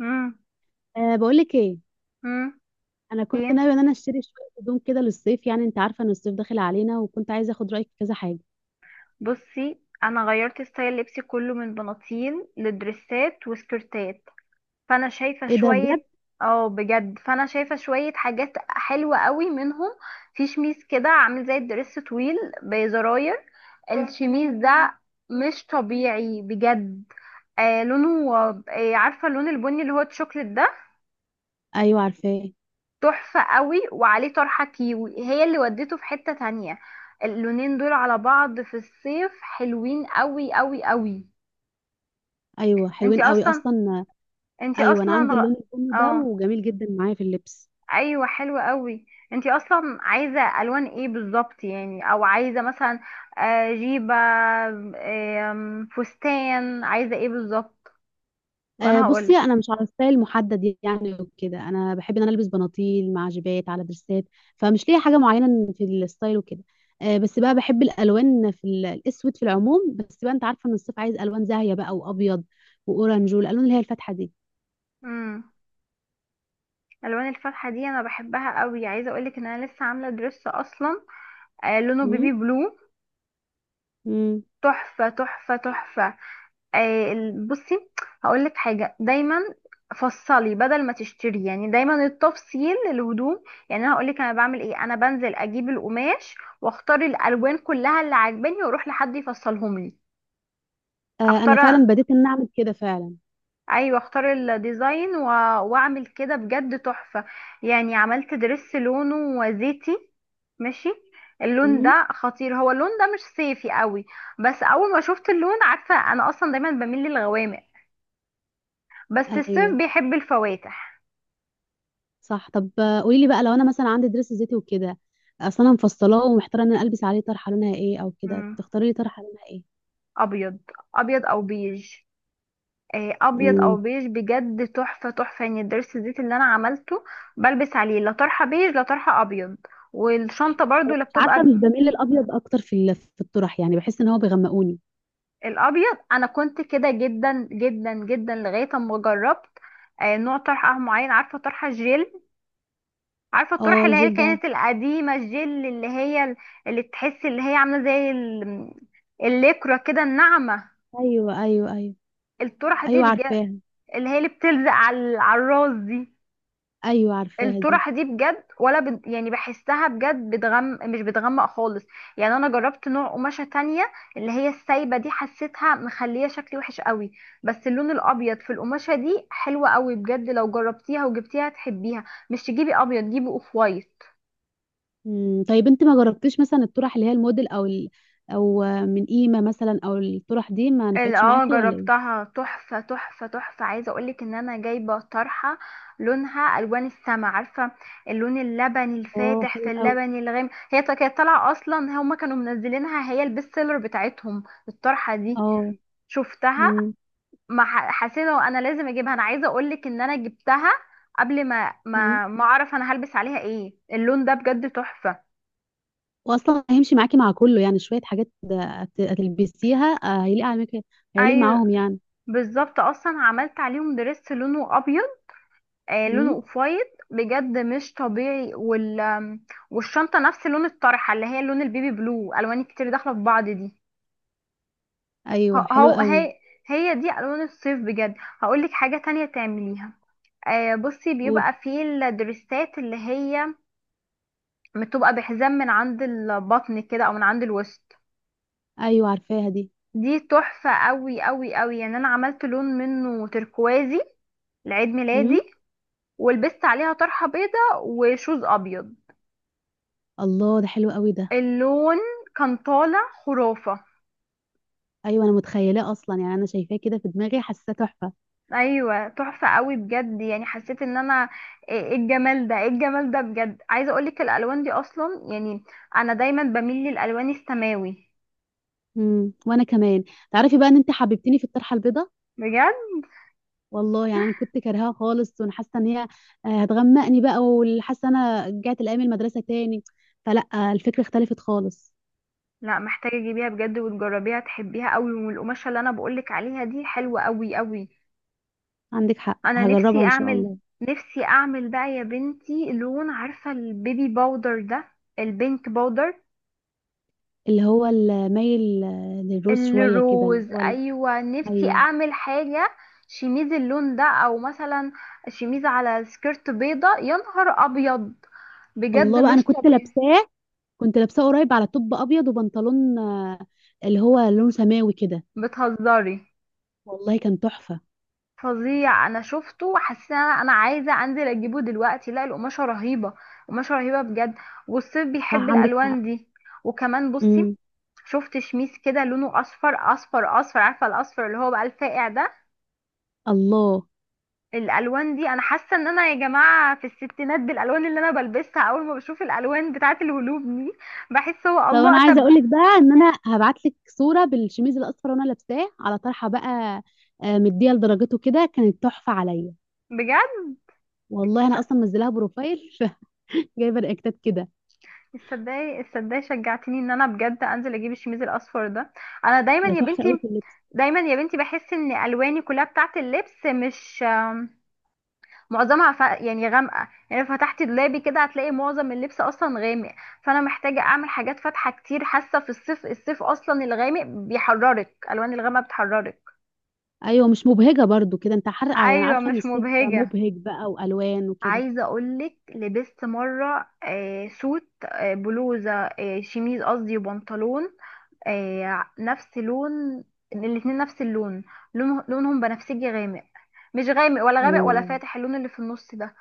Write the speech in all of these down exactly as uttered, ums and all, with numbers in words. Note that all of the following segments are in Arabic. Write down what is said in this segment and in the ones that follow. امم أه بقول لك ايه. امم انا كنت ايه. ناويه ان انا اشتري شويه هدوم كده للصيف، يعني انت عارفه ان الصيف داخل علينا، وكنت عايزه اخد رايك في كذا حاجه. بصي، انا غيرت ستايل لبسي كله من بناطيل لدريسات وسكرتات. فانا شايفه ايه ده بجد؟ شويه. اه بجد، فانا شايفه شويه حاجات حلوه قوي منهم. في شميس كده عامل زي الدريس طويل، بزراير. الشميس ده مش طبيعي بجد. آه لونه. آه عارفه اللون البني اللي هو الشوكليت ده؟ ايوه عارفاه. تحفة قوي، وعليه طرحة كيوي هي اللي ودته في حتة تانية. اللونين دول على بعض في الصيف حلوين قوي قوي قوي. ايوه حلوين انتي قوي اصلا اصلا. انتي ايوه انا اصلا عندي غ- اللون البني ده اه، وجميل جدا معايا في اللبس. ايوه حلوة قوي. انتي اصلا عايزة الوان ايه بالظبط يعني؟ او عايزة مثلا آه، جيبة، آم، فستان، عايزة ايه بالظبط؟ أه وانا بصي، هقولك. انا مش على ستايل محدد يعني وكده. انا بحب ان انا البس بناطيل مع جيبات على درسات، فمش ليا حاجه معينه في الستايل وكده. أه بس بقى بحب الالوان، في ال- الاسود في العموم، بس بقى انت عارفه ان الصيف عايز الوان زاهيه بقى، وابيض واورنج والالوان اللي هي الفاتحه امم الوان الفاتحة دي انا بحبها قوي. عايزة اقولك ان انا لسه عاملة درس اصلا، آه، لونه دي. بيبي بلو. مم. تحفة تحفة تحفة. آه، ال- بصي، هقول لك حاجة: دايما فصلي بدل ما تشتري. يعني دايما التفصيل للهدوم. يعني انا هقول لك انا بعمل ايه: انا بنزل اجيب القماش، واختار الالوان كلها اللي عاجباني، واروح لحد يفصلهم لي. آه، انا اختار، فعلا بديت ان اعمل كده فعلا. ايوه اختار الديزاين و... واعمل كده بجد تحفة. يعني عملت درس لونه زيتي. ماشي. اللون مم. ده خطير، هو اللون ده مش صيفي قوي، بس اول ما شفت اللون. عارفة انا اصلا دايما بميل للغوامق، بس الصيف ايوه بيحب الفواتح. صح. طب آه، قولي لي بقى، لو انا مثلا عندي درس زيتي وكده، اصلا انا مفصلاه ومحتاره ان انا البس عليه طرحه لونها ايه، او كده مم. تختاري لي طرحه لونها ايه. ابيض، ابيض او بيج. آه، ابيض او مم. بيج بجد تحفة تحفة. يعني الدرس الزيت اللي انا عملته بلبس عليه لا طرحة بيج لا طرحة ابيض، والشنطة برضو لا، مش عارفه، مش بتبقى بميل للابيض اكتر في ال- في الطرح، يعني بحس ان هو بيغمقوني. الابيض. انا كنت كده جدا جدا جدا لغايه اما جربت آه، نوع طرحه أه معين. عارفه طرحه جيل؟ عارفه الطرح اه اللي هي الجلد ده. كانت القديمه، الجيل اللي هي ال- اللي تحس اللي هي عامله زي ال- الليكرة كده، الناعمه؟ ايوه ايوه ايوه. الطرحه دي ايوه بجد، عارفاها. اللي هي اللي بتلزق على على الراس دي. ايوه عارفاها دي. الطرح دي بجد ولا بد، يعني بحسها بجد بتغم مش بتغمق خالص. يعني انا جربت نوع قماشة تانية، اللي هي السايبة دي، حسيتها مخلية شكلي وحش قوي. بس اللون الابيض في القماشة دي حلوة قوي بجد، لو جربتيها وجبتيها هتحبيها. مش تجيبي ابيض، جيبي اوف وايت. مم. طيب انت ما جربتيش مثلا الطرح اللي هي الموديل او ال... او آه، من قيمه مثلا، او الطرح دي ما ال- نفعتش اه، معاكي ولا ايه؟ جربتها تحفة تحفة تحفة. عايزة اقولك ان انا جايبة طرحة لونها الوان السما، عارفة؟ اللون اللبني اه الفاتح حلو في قوي. اللبني الغامق، هي تا- كانت طالعة اصلا، هما كانوا منزلينها هي البيست سيلر بتاعتهم الطرحة دي. اه. شفتها، مم. ما ح- حسيت هو انا لازم اجيبها. انا عايزة اقولك ان انا جبتها قبل ما مم. ما ما اعرف انا هلبس عليها ايه. اللون ده بجد تحفة. واصلا هيمشي معاكي مع كله، يعني شويه حاجات هت- هتلبسيها، آه، هيليق على مك... هيليق ايوه معاهم يعني. بالظبط، اصلا عملت عليهم دريس لونه ابيض، آه، لونه مم. اوف وايت بجد مش طبيعي، وال آم، والشنطه نفس لون الطرحه اللي هي لون البيبي بلو. الوان كتير داخله في بعض دي. ايوه ه- حلوه هو قوي. هي، هي دي الوان الصيف بجد. هقولك حاجه تانية تعمليها: آه بصي، قولي. بيبقى في الدريسات اللي هي بتبقى بحزام من عند البطن كده او من عند الوسط. ايوه عارفاها دي. دي تحفه قوي قوي قوي. يعني انا عملت لون منه تركوازي لعيد ميلادي، مم. ولبست عليها طرحه بيضه وشوز ابيض. الله، ده حلو قوي ده. اللون كان طالع خرافة. ايوه انا متخيلاه اصلا، يعني انا شايفاه كده في دماغي، حاساه تحفه. ايوه تحفة قوي بجد. يعني حسيت ان انا، ايه إيه الجمال ده؟ ايه الجمال ده بجد؟ عايزة اقولك الالوان دي اصلا يعني، انا دايما بميل للالوان السماوي. مم، وانا كمان. تعرفي بقى ان انت حببتني في الطرحه البيضاء. بجد، والله يعني انا كنت كارهاها خالص، وانا حاسه ان هي آه، هتغمقني بقى، وحاسه انا رجعت لايام المدرسه تاني. فلا، آه، الفكره اختلفت خالص. لا، محتاجة تجيبيها بجد وتجربيها، تحبيها قوي. والقماشة اللي انا بقولك عليها دي حلوة قوي قوي. عندك حق، انا هجربها نفسي ان شاء اعمل، الله. نفسي اعمل بقى يا بنتي لون. عارفة البيبي باودر ده، البينك باودر، اللي هو المايل للروز شويه كده، اللي الروز؟ هو ال... ايوه، نفسي ايوه. اعمل حاجه شميز اللون ده، او مثلا شميز على سكيرت بيضه. يا نهار ابيض، بجد الله بقى، انا مش كنت طبيعي. لابساه. كنت لابساه قريب على توب ابيض وبنطلون، آه، اللي هو لون سماوي كده. بتهزري؟ والله كان تحفه. فظيع. انا شفته وحاسه إن انا، أنا عايزه انزل اجيبه دلوقتي. لا، القماشه رهيبه، قماشه رهيبه بجد، والصيف بيحب صح عندك حق. الالوان دي. وكمان امم. بصي، شفت شميس كده لونه اصفر اصفر اصفر. عارفه الاصفر اللي هو بقى الفاقع ده؟ الله. الالوان دي انا حاسه ان انا يا جماعه في الستينات بالالوان اللي انا بلبسها، اول ما بشوف الالوان بتاعه الهلوب دي بحس. هو طب انا الله، عايزه طب اقول لك بقى ان انا هبعت لك صوره بالشميز الاصفر وانا لابساه على طرحه بقى. آه، مديه لدرجته كده، كانت تحفه عليا. بجد، والله ش- انا اصلا منزلاها بروفايل. جايبه رياكتات كده. تصدقي تصدقي شجعتيني ان انا بجد انزل اجيب الشميز الاصفر ده. انا دايما ده يا تحفه قوي. بنتي، دايما يا بنتي بحس ان الواني كلها بتاعه اللبس مش آم، معظمها ف... يعني غامقه. يعني لو فتحتي دولابي كده هتلاقي معظم اللبس اصلا غامق. فانا محتاجه اعمل حاجات فاتحه كتير، حاسه في الصيف، الصيف اصلا الغامق بيحررك، الالوان الغامقه بتحررك. ايوه مش مبهجه برضو كده. انت حر... آه، يعني ايوه عارفه ان مش الصيف مبهجه. مبهج بقى، والوان وكده. عايزه اقولك لبست مره آه سوت آه بلوزه آه شميز قصدي، وبنطلون. آه نفس لون الاتنين، نفس اللون. لون لونهم بنفسجي غامق، مش غامق ولا غامق ولا اوه. فاتح، اللون اللي في النص ده.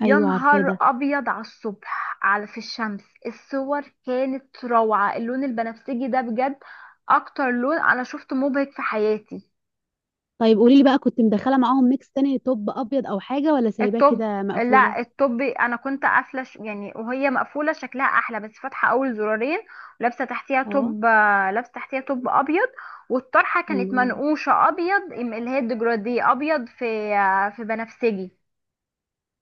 يا ايوه عارفاه نهار ده. ابيض، على الصبح على في الشمس الصور كانت روعه. اللون البنفسجي ده بجد اكتر لون انا شفته مبهج في حياتي. طيب قولي لي بقى، كنت مدخله معاهم ميكس تاني، توب ابيض او حاجه، ولا سايباه الطب، كده مقفوله؟ لا، الطب انا كنت قافله، ش- يعني وهي مقفوله شكلها احلى، بس فاتحه اول زرارين ولابسه تحتيها اه. توب، آه، لابسه تحتيها توب ابيض، والطرحه كانت قالوا. منقوشه ابيض، ام- اللي هي الديجرادي ابيض في، آه، في بنفسجي.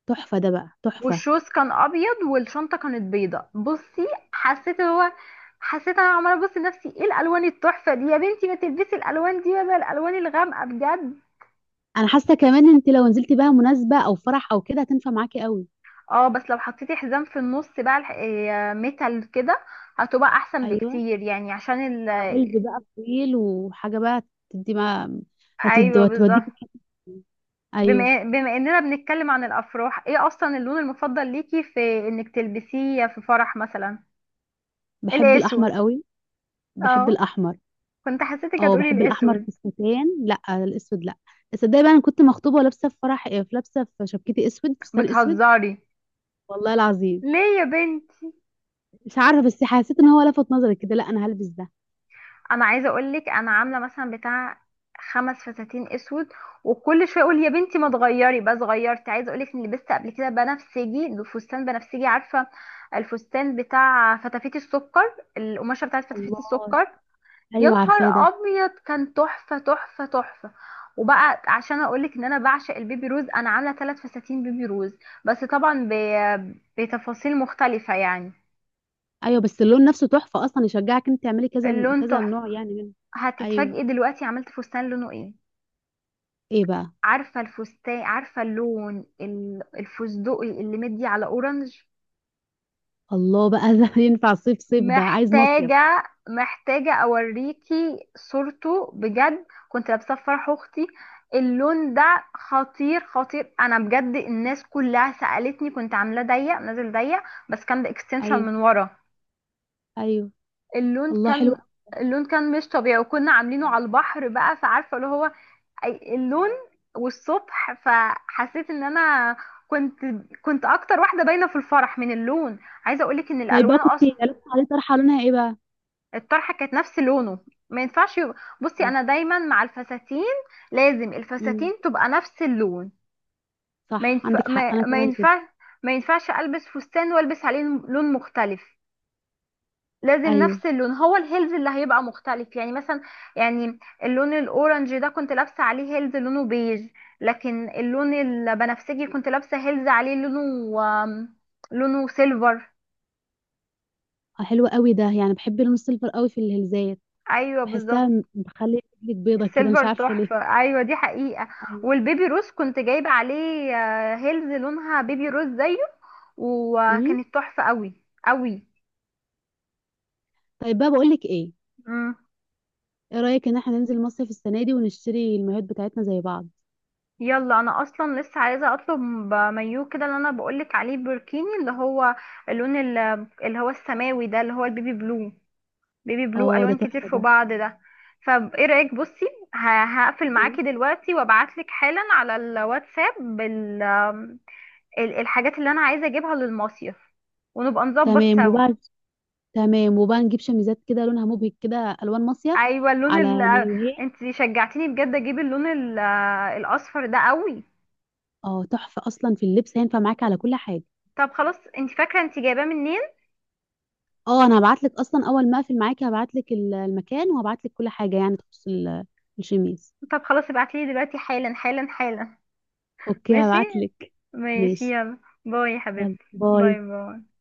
تحفه ده بقى، تحفه. والشوز كان ابيض والشنطه كانت بيضه. بصي حسيت هو، حسيت انا عماله ابص لنفسي ايه الالوان التحفه دي، يا بنتي ما تلبسي الالوان دي بدل الالوان الغامقه بجد. انا حاسه كمان انت لو نزلتي بقى مناسبه او فرح او كده، هتنفع معاكي قوي. اه، بس لو حطيتي حزام في النص بقى، الح- آه، ميتال كده، هتبقى احسن ايوه. بكتير، يعني عشان ال... مع هيلز بقى طويل وحاجه بقى، تدي ما، هتدي ايوه بالظبط. هتوديكي في حتة. ايوه. بما بما اننا بنتكلم عن الافراح، ايه اصلا اللون المفضل ليكي في انك تلبسيه في فرح مثلا؟ بحب الاسود. الاحمر قوي. بحب اه، الاحمر. كنت حسيتك اه هتقولي بحب الاحمر في الاسود. الستان، لا الاسود لا. تصدقي بقى انا كنت مخطوبه ولابسه في فرح، في لابسه في شبكتي اسود، فستان اسود. بتهزري؟ والله العظيم. ليه يا بنت؟ مش عارفه، بس حسيت ان هو لفت نظري كده، لا انا هلبس ده. انا عايزه اقول لك انا عامله مثلا بتاع خمس فساتين اسود، وكل شويه اقول يا بنتي ما تغيري، بس غيرت. عايزه اقول لك اني لبست قبل كده بنفسجي، فستان بنفسجي. عارفه الفستان بتاع فتافيت السكر، القماشه بتاعت فتافيت الله. السكر؟ يا ايوه عارفاه نهار ده. ابيض، كان تحفه تحفه تحفه. وبقى عشان اقول لك ان انا بعشق البيبي روز، انا عامله ثلاث فساتين بيبي روز، بس طبعا ب- بتفاصيل مختلفه يعني. ايوه، بس اللون نفسه تحفه اصلا، يشجعك انت تعملي كذا اللون كذا تحفه. نوع يعني منه. ايوه. هتتفاجئي دلوقتي، عملت فستان لونه ايه؟ ايه بقى؟ عارفة الفستان، عارفة اللون ال- الفستقي اللي مدي على اورنج؟ الله بقى ده. ينفع صيف؟ صيف ده عايز مصيف. محتاجة، محتاجة اوريكي صورته بجد. كنت لابساه في فرح اختي، اللون ده خطير خطير. انا بجد الناس كلها سألتني. كنت عاملاه ضيق نازل ضيق، بس كان باكستنشن ايوه. من ورا. ايوه. اللون الله حلو كان، أوي. اللون كان مش طبيعي، وكنا عاملينه على البحر بقى، فعارفة اللي هو أي- اللون. والصبح فحسيت ان انا كنت، كنت اكتر واحده باينه في الفرح من اللون. عايزه اقولك ان طيب الالوان بقى، كنت اصلا، لابسه عليه طرحه لونها ايه بقى؟ الطرحه كانت نفس لونه. ما ينفعش يبقى، بصي انا دايما مع الفساتين لازم الفساتين امم. تبقى نفس اللون. ما صح ينفع عندك حق، ما, انا ما كمان كده. ينفع، ما ينفعش البس فستان والبس عليه لون مختلف. لازم ايوه. نفس اللون، هو الهيلز اللي هيبقى مختلف. يعني مثلا، يعني اللون الاورنج ده كنت لابسه عليه هيلز لونه بيج. لكن اللون البنفسجي كنت لابسه هيلز عليه لونه آم، لونه سيلفر. آه، حلو قوي ده، يعني بحب اللون السيلفر قوي في الهلزات. ايوه بالظبط، بحسها م- بخلي رجلك بيضة كده، مش السيلفر عارفة ليه. تحفه، ايوه دي حقيقه. ايوه. والبيبي روز كنت جايبه عليه آه، هيلز لونها بيبي روز زيه، امم. وكانت تحفه قوي قوي. طيب بقى، بقول لك ايه، ايه رأيك ان احنا ننزل مصيف السنة دي ونشتري المايوهات بتاعتنا زي بعض؟ يلا، انا اصلا لسه عايزه اطلب مايو كده اللي انا بقولك عليه، بركيني اللي هو اللون ال- اللي هو السماوي ده، اللي هو البيبي بلو. بيبي بلو اه ده الوان كتير تحفة في ده. بعض ده. فايه رايك؟ بصي ه- هقفل مم. معاكي دلوقتي وابعتلك حالا على الواتساب بال ال- الحاجات اللي انا عايزه اجيبها للمصيف، ونبقى نظبط تمام. سوا. وبعد تمام، وبقى نجيب شميزات كده لونها مبهج كده، الوان مصيف ايوه اللون على ال مايوهات. انت شجعتيني بجد اجيب اللون ال- الاصفر ده قوي. اه تحفة اصلا في اللبس، هينفع معاكي على كل حاجة. طب خلاص، انت فاكره انت جايباه منين؟ اه انا هبعت لك اصلا، اول ما اقفل معاكي هبعت لك المكان، وهبعت لك كل حاجة يعني تخص ال- الشميز. طب خلاص ابعتلي دلوقتي حالا حالا حالا. اوكي، ماشي، هبعت لك. ماشي ماشي، يلا. باي يا يلا حبيبتي. باي. باي باي.